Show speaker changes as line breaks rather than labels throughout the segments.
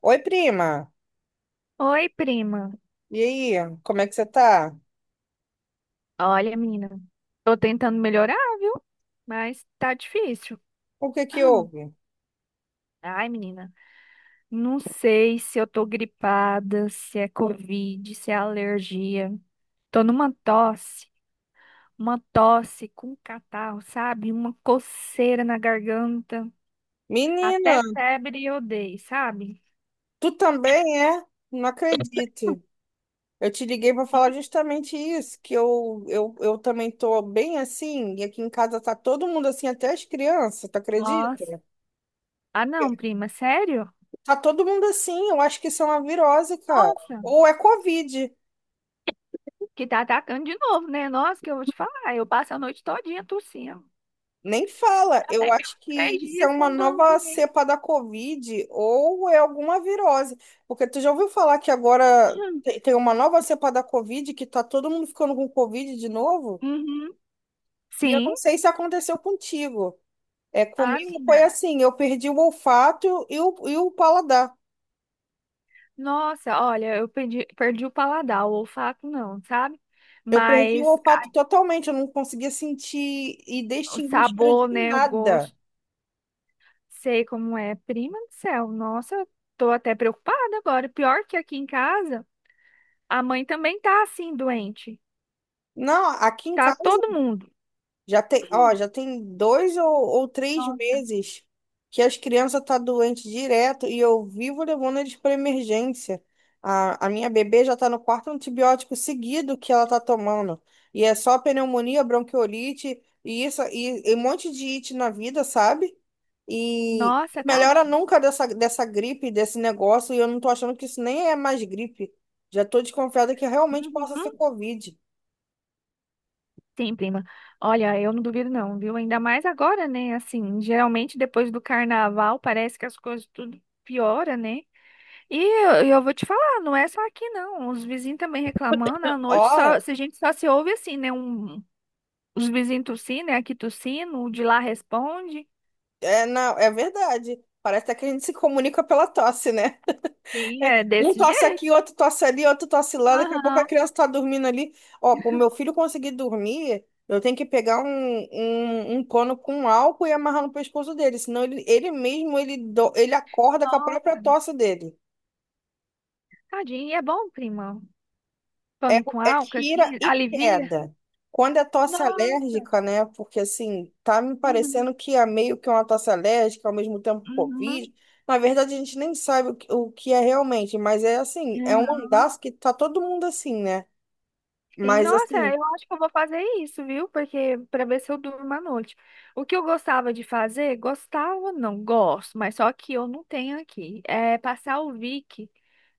Oi, prima.
Oi, prima.
E aí, como é que você tá?
Olha, menina, tô tentando melhorar, viu? Mas tá difícil.
O que que houve?
Ai, menina, não sei se eu tô gripada, se é Covid, se é alergia. Tô numa tosse, uma tosse com catarro, sabe? Uma coceira na garganta.
Menina,
Até febre eu dei, sabe?
tu também é? Não acredito. Eu te liguei para falar justamente isso, que eu também tô bem assim, e aqui em casa tá todo mundo assim, até as crianças, tu
Nossa.
acredita?
Ah, não, prima, sério?
Tá todo mundo assim, eu acho que isso é uma virose, cara.
Nossa,
Ou é Covid.
que tá atacando de novo, né? Nossa, que eu vou te falar. Eu passo a noite todinha tossindo.
Nem fala. Eu
Até
acho
meus três
que isso é
dias que eu
uma
não dormi
nova
direito.
cepa da Covid ou é alguma virose. Porque tu já ouviu falar que agora tem uma nova cepa da Covid que tá todo mundo ficando com Covid de novo?
Uhum.
E eu
Sim.
não sei se aconteceu contigo. É,
Ah,
comigo
menina.
foi assim, eu perdi o olfato e o paladar.
Nossa, olha, eu perdi o paladar, o olfato não, sabe?
Eu perdi o
Mas ai,
olfato totalmente, eu não conseguia sentir e
o
distinguir cheiro
sabor,
de
né? O
nada.
gosto, sei como é. Prima do céu, nossa, eu tô até preocupada agora. Pior que aqui em casa, a mãe também tá assim, doente.
Não, aqui em
Tá
casa
todo mundo.
já tem, ó, já tem dois ou três
Nossa,
meses que as crianças tá doente direto e eu vivo levando eles para emergência. A minha bebê já tá no quarto antibiótico seguido que ela tá tomando. E é só pneumonia, bronquiolite e isso e um monte de it na vida, sabe? E
nossa,
melhora
tadinha.
nunca dessa gripe, desse negócio, e eu não tô achando que isso nem é mais gripe. Já tô desconfiada que realmente possa ser
Uhum.
Covid.
Sim, prima. Olha, eu não duvido não, viu? Ainda mais agora, né? Assim, geralmente depois do carnaval parece que as coisas tudo piora, né? E eu vou te falar, não é só aqui não. Os vizinhos também reclamando, à noite
Ó,
só, se a gente só se ouve assim, né? Um, os vizinhos tossindo, né? Aqui tossindo, o de lá responde.
é, não, é verdade. Parece até que a gente se comunica pela tosse, né?
Sim, é
Um
desse
tosse
jeito.
aqui, outro tosse ali, outro tosse lá. Daqui a pouco a
Aham,
criança tá dormindo ali. Ó, pro meu filho conseguir dormir, eu tenho que pegar um pano com álcool e amarrar no pescoço dele. Senão ele mesmo, ele acorda com a própria
nossa.
tosse dele.
Tadinho, e é bom, prima.
É,
Pano com
é
álcool,
tira
assim,
e
alivia.
queda. Quando é tosse
Nossa.
alérgica, né? Porque assim, tá me
Uhum.
parecendo que é meio que uma tosse alérgica, ao mesmo tempo
Uhum.
Covid. Na verdade, a gente nem sabe o que é realmente, mas é assim, é um andaço que tá todo mundo assim, né?
Sim,
Mas
nossa,
assim,
eu acho que eu vou fazer isso, viu? Porque para ver se eu durmo à noite. O que eu gostava de fazer, gostava, não, gosto, mas só que eu não tenho aqui. É passar o Vic,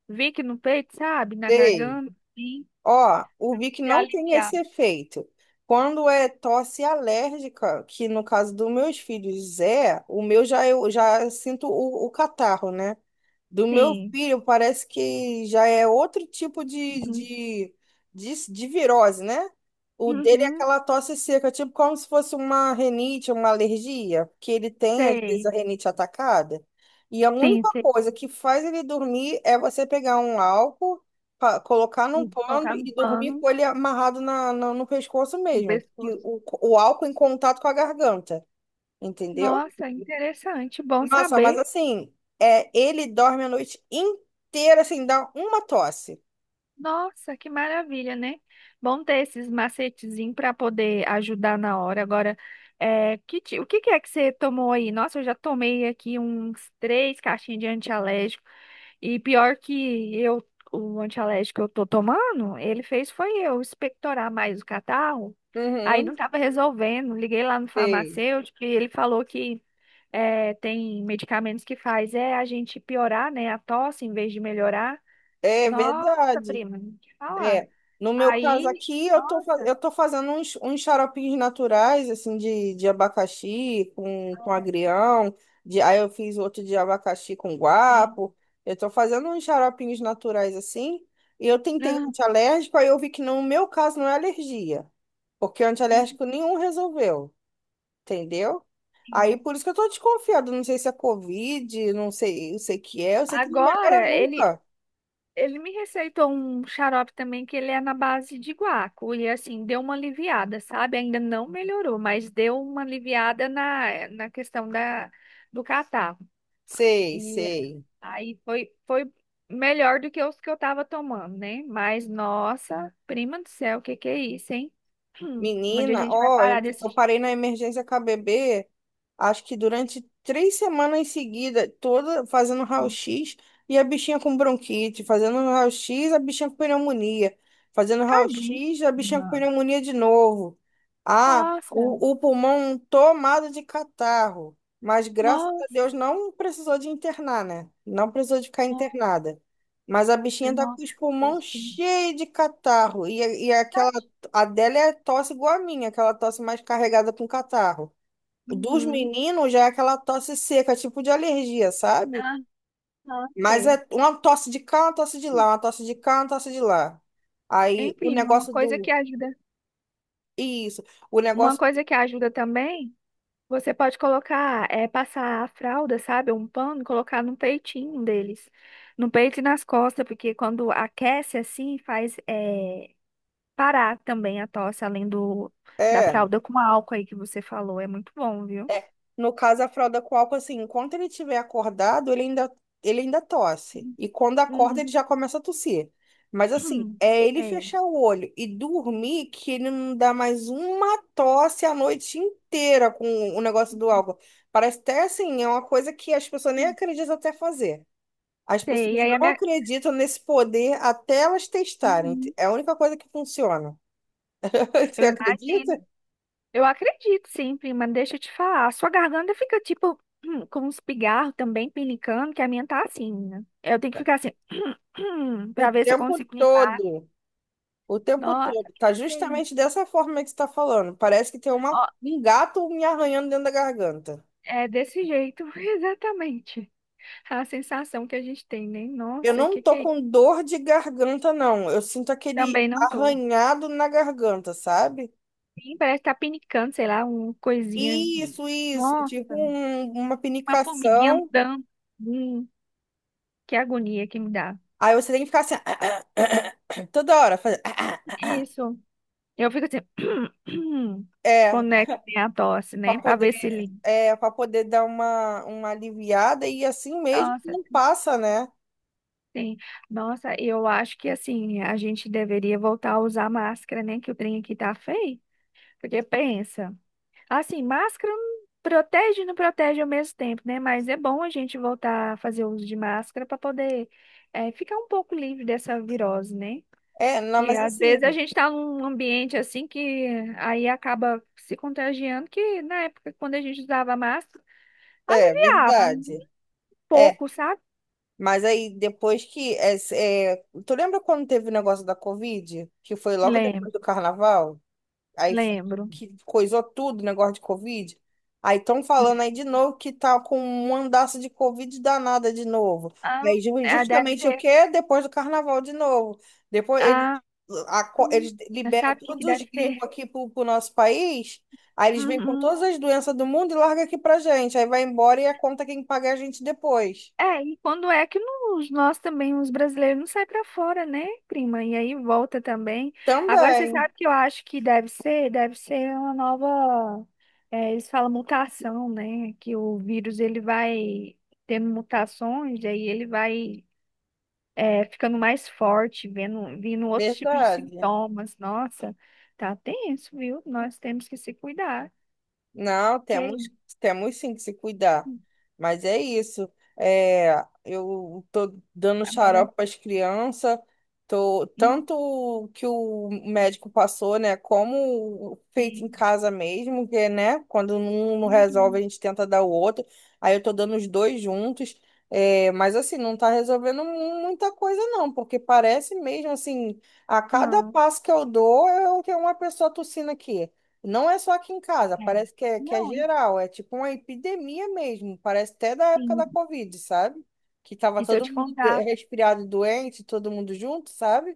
Vic no peito, sabe? Na
sei.
garganta, sim,
Ó, o Vic
se
não tem
aliviar.
esse efeito. Quando é tosse alérgica, que no caso dos meus filhos é, o meu já eu já sinto o catarro, né? Do meu
Sim.
filho, parece que já é outro tipo de,
Uhum.
de, de, de virose, né? O dele é
Uhum.
aquela tosse seca, tipo como se fosse uma rinite, uma alergia, que ele tem, às vezes,
Sei.
a rinite atacada. E a
Sim,
única
sei.
coisa que faz ele dormir é você pegar um álcool, colocar num pano
Colocar no
e dormir
pano,
com ele amarrado no pescoço
no
mesmo. E
pescoço.
O, o álcool em contato com a garganta, entendeu?
Nossa, interessante, bom
Nossa, mas
saber.
assim, ele dorme a noite inteira sem dar uma tosse.
Nossa, que maravilha, né? Bom ter esses macetezinhos para poder ajudar na hora. Agora, é, o que que é que você tomou aí? Nossa, eu já tomei aqui uns 3 caixinhas de antialérgico. E pior que eu, o antialérgico que eu tô tomando, ele fez foi eu expectorar mais o catarro. Aí
Uhum,
não tava resolvendo. Liguei lá no
sei.
farmacêutico e ele falou que é, tem medicamentos que faz é a gente piorar, né, a tosse em vez de melhorar.
É
Nossa,
verdade.
prima, não te falar.
É. No meu caso
Aí,
aqui, eu tô, fa-
nossa.
eu tô fazendo uns xaropinhos naturais, assim, de abacaxi com agrião. Aí eu fiz outro de abacaxi com
Sim.
guapo. Eu tô fazendo uns xaropinhos naturais, assim. E eu tentei
Ah,
antialérgico, aí eu vi que no meu caso não é alergia. Porque o antialérgico nenhum resolveu. Entendeu? Aí
enfim.
por isso que eu tô desconfiada, não sei se é Covid, não sei, eu sei que é, eu sei que não melhora
Agora, ele,
nunca.
ele me receitou um xarope também que ele é na base de guaco. E assim, deu uma aliviada, sabe? Ainda não melhorou, mas deu uma aliviada na questão da, do catarro.
Sei,
E
sei.
aí foi melhor do que os que eu tava tomando, né? Mas, nossa, prima do céu, o que que é isso, hein? Onde a
Menina,
gente vai
ó, eu,
parar
eu
desses.
parei na emergência KBB acho que durante 3 semanas em seguida, toda fazendo raio-x e a bichinha com bronquite, fazendo raio-x, a bichinha com pneumonia, fazendo
Tadinho.
raio-x, a bichinha com pneumonia de novo. Ah,
Nossa,
o pulmão tomado de catarro. Mas graças a
nossa,
Deus não precisou de internar, né? Não precisou de ficar
nossa,
internada. Mas a bichinha tá com
nossa.
os pulmões
Deus, que
cheios de catarro. E
Tadinho.
a dela é tosse igual a minha, aquela tosse mais carregada com catarro. O Dos
Uhum.
meninos já é aquela tosse seca, tipo de alergia, sabe?
Aham,
Mas
sei.
é uma tosse de cá, uma tosse de lá, uma tosse de cá, uma tosse de lá. Aí o
Enfim, uma
negócio
coisa
do.
que ajuda.
Isso. O
Uma
negócio.
coisa que ajuda também, você pode colocar, é, passar a fralda, sabe? Um pano, colocar no peitinho deles. No peito e nas costas, porque quando aquece assim, faz, é, parar também a tosse, além do, da
É.
fralda com álcool aí que você falou. É muito bom, viu?
É, no caso, a fralda com álcool, assim, enquanto ele estiver acordado, ele ainda tosse. E quando acorda, ele
Uhum.
já começa a tossir. Mas assim,
hum,
é ele
Sei.
fechar o olho e dormir que ele não dá mais uma tosse a noite inteira com o negócio do álcool. Parece até assim, é uma coisa que as pessoas nem acreditam até fazer. As
Sei.
pessoas
E aí a
não
minha...
acreditam nesse poder até elas testarem.
Uhum.
É a única coisa que funciona. Você
Eu
acredita?
imagino. Eu acredito, sim, prima. Deixa eu te falar. A sua garganta fica tipo com uns pigarros também pinicando, que a minha tá assim, né? Eu tenho que ficar assim
O
pra ver se eu
tempo
consigo limpar.
todo. O tempo
Nossa,
todo. Tá
que aí.
justamente dessa forma que você tá falando. Parece que tem
Ó,
um gato me arranhando dentro da garganta.
é desse jeito, exatamente. A sensação que a gente tem, né?
Eu
Nossa,
não
que
tô
é isso?
com dor de garganta, não. Eu sinto aquele
Também não tô.
arranhado na garganta, sabe?
Sim, parece que tá pinicando, sei lá, uma coisinha.
Isso, isso.
Nossa,
Tipo uma
uma formiguinha
pinicação.
andando. Que agonia que me dá.
Aí você tem que ficar assim, toda hora, fazer.
Isso. Eu fico assim,
É,
conectem a tosse,
pra
né? Pra
poder,
ver se limpa.
para poder dar uma aliviada e assim mesmo
Nossa,
não passa, né?
sim. Nossa, eu acho que assim, a gente deveria voltar a usar máscara, né? Que o trem aqui tá feio. Porque pensa, assim, máscara não protege e não protege ao mesmo tempo, né? Mas é bom a gente voltar a fazer uso de máscara para poder ficar um pouco livre dessa virose, né?
É, não,
Que
mas
às vezes a
assim,
gente está num ambiente assim que aí acaba se contagiando, que na época, quando a gente usava máscara,
é
aliviava né, um
verdade. É,
pouco, sabe?
Mas aí, depois que. Tu lembra quando teve o negócio da Covid? Que foi logo depois
Lembro,
do carnaval? Aí f-
lembro.
que coisou tudo, o negócio de Covid. Aí estão falando aí
Lembro.
de novo que tá com um andaço de Covid danada de novo. E
Ah,
aí,
é, deve
justamente o
ser.
quê? Depois do carnaval de novo. Depois eles,
Ah,
a co- eles liberam
sabe o que que
todos os
deve ser?
gringos aqui pro nosso país. Aí eles vêm com
Uhum.
todas as doenças do mundo e larga aqui pra gente. Aí vai embora e a conta quem paga é a gente depois.
É, e quando é que nós também, os brasileiros, não sai para fora, né, prima? E aí volta também. Agora, você
Também.
sabe que eu acho que deve ser uma nova, é, eles falam mutação, né? Que o vírus, ele vai tendo mutações, e aí ele vai, é, ficando mais forte, vendo, vindo outros tipos de
Verdade.
sintomas. Nossa, tá tenso, viu? Nós temos que se cuidar.
Não,
Que
temos,
aí,
temos sim que se cuidar. Mas é isso. É, eu tô dando
agora...
xarope para as crianças, tô, tanto o que o médico passou, né? Como o feito em
Enfim.
casa mesmo, que, né? Quando um não resolve, a
Uhum.
gente tenta dar o outro. Aí eu tô dando os dois juntos. Mas assim, não tá resolvendo muita coisa, não, porque parece mesmo assim, a cada
Aham,
passo que eu dou, eu tenho uma pessoa tossindo aqui. Não é só aqui em casa,
é.
parece que é,
Não,
geral, é tipo uma epidemia mesmo, parece até da época da
Sim.
Covid, sabe? Que tava
E se eu
todo
te
mundo
contar,
resfriado, doente, todo mundo junto, sabe?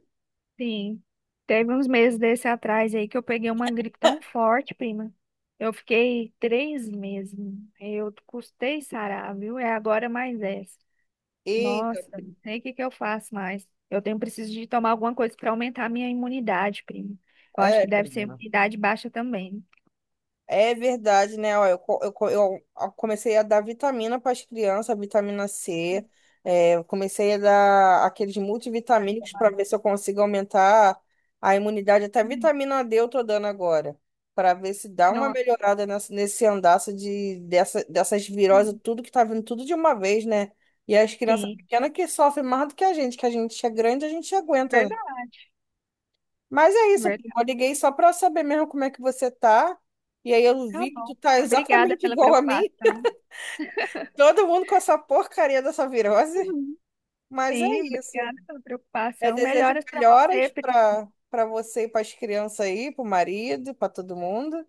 sim. Teve uns meses desse atrás aí que eu peguei uma gripe tão forte, prima. Eu fiquei 3 meses. Eu custei sarar, viu? É agora mais essa.
Eita,
Nossa, não sei o que que eu faço mais. Eu tenho preciso de tomar alguma coisa para aumentar a minha imunidade, prima. Eu acho que deve ser
prima.
imunidade baixa também.
É verdade, né? Ó, eu comecei a dar vitamina para as crianças, vitamina C. Eu comecei a dar aqueles
Tá
multivitamínicos
bom.
para ver se eu consigo aumentar a imunidade. Até
Hum,
vitamina D eu tô dando agora, para ver se dá uma
Nossa,
melhorada nesse andaço dessas viroses,
sim,
tudo que tá vindo tudo de uma vez, né? E as crianças
sim.
pequenas que sofrem mais do que a gente é grande, a gente aguenta,
verdade,
mas é isso, primo.
verdade.
Eu liguei só para saber mesmo como é que você tá. E aí eu
Tá
vi que
bom.
tu tá
Obrigada
exatamente
pela
igual a mim.
preocupação.
Todo mundo com essa porcaria dessa virose. Mas é
Sim,
isso.
obrigada pela
Eu
preocupação.
desejo
Melhoras para você,
melhoras
pri-
para você e para as crianças aí, para o marido, para todo mundo.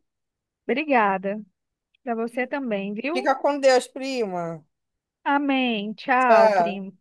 obrigada. Para você também, viu?
Fica com Deus, prima.
Amém. Tchau,
Tchau.
primo.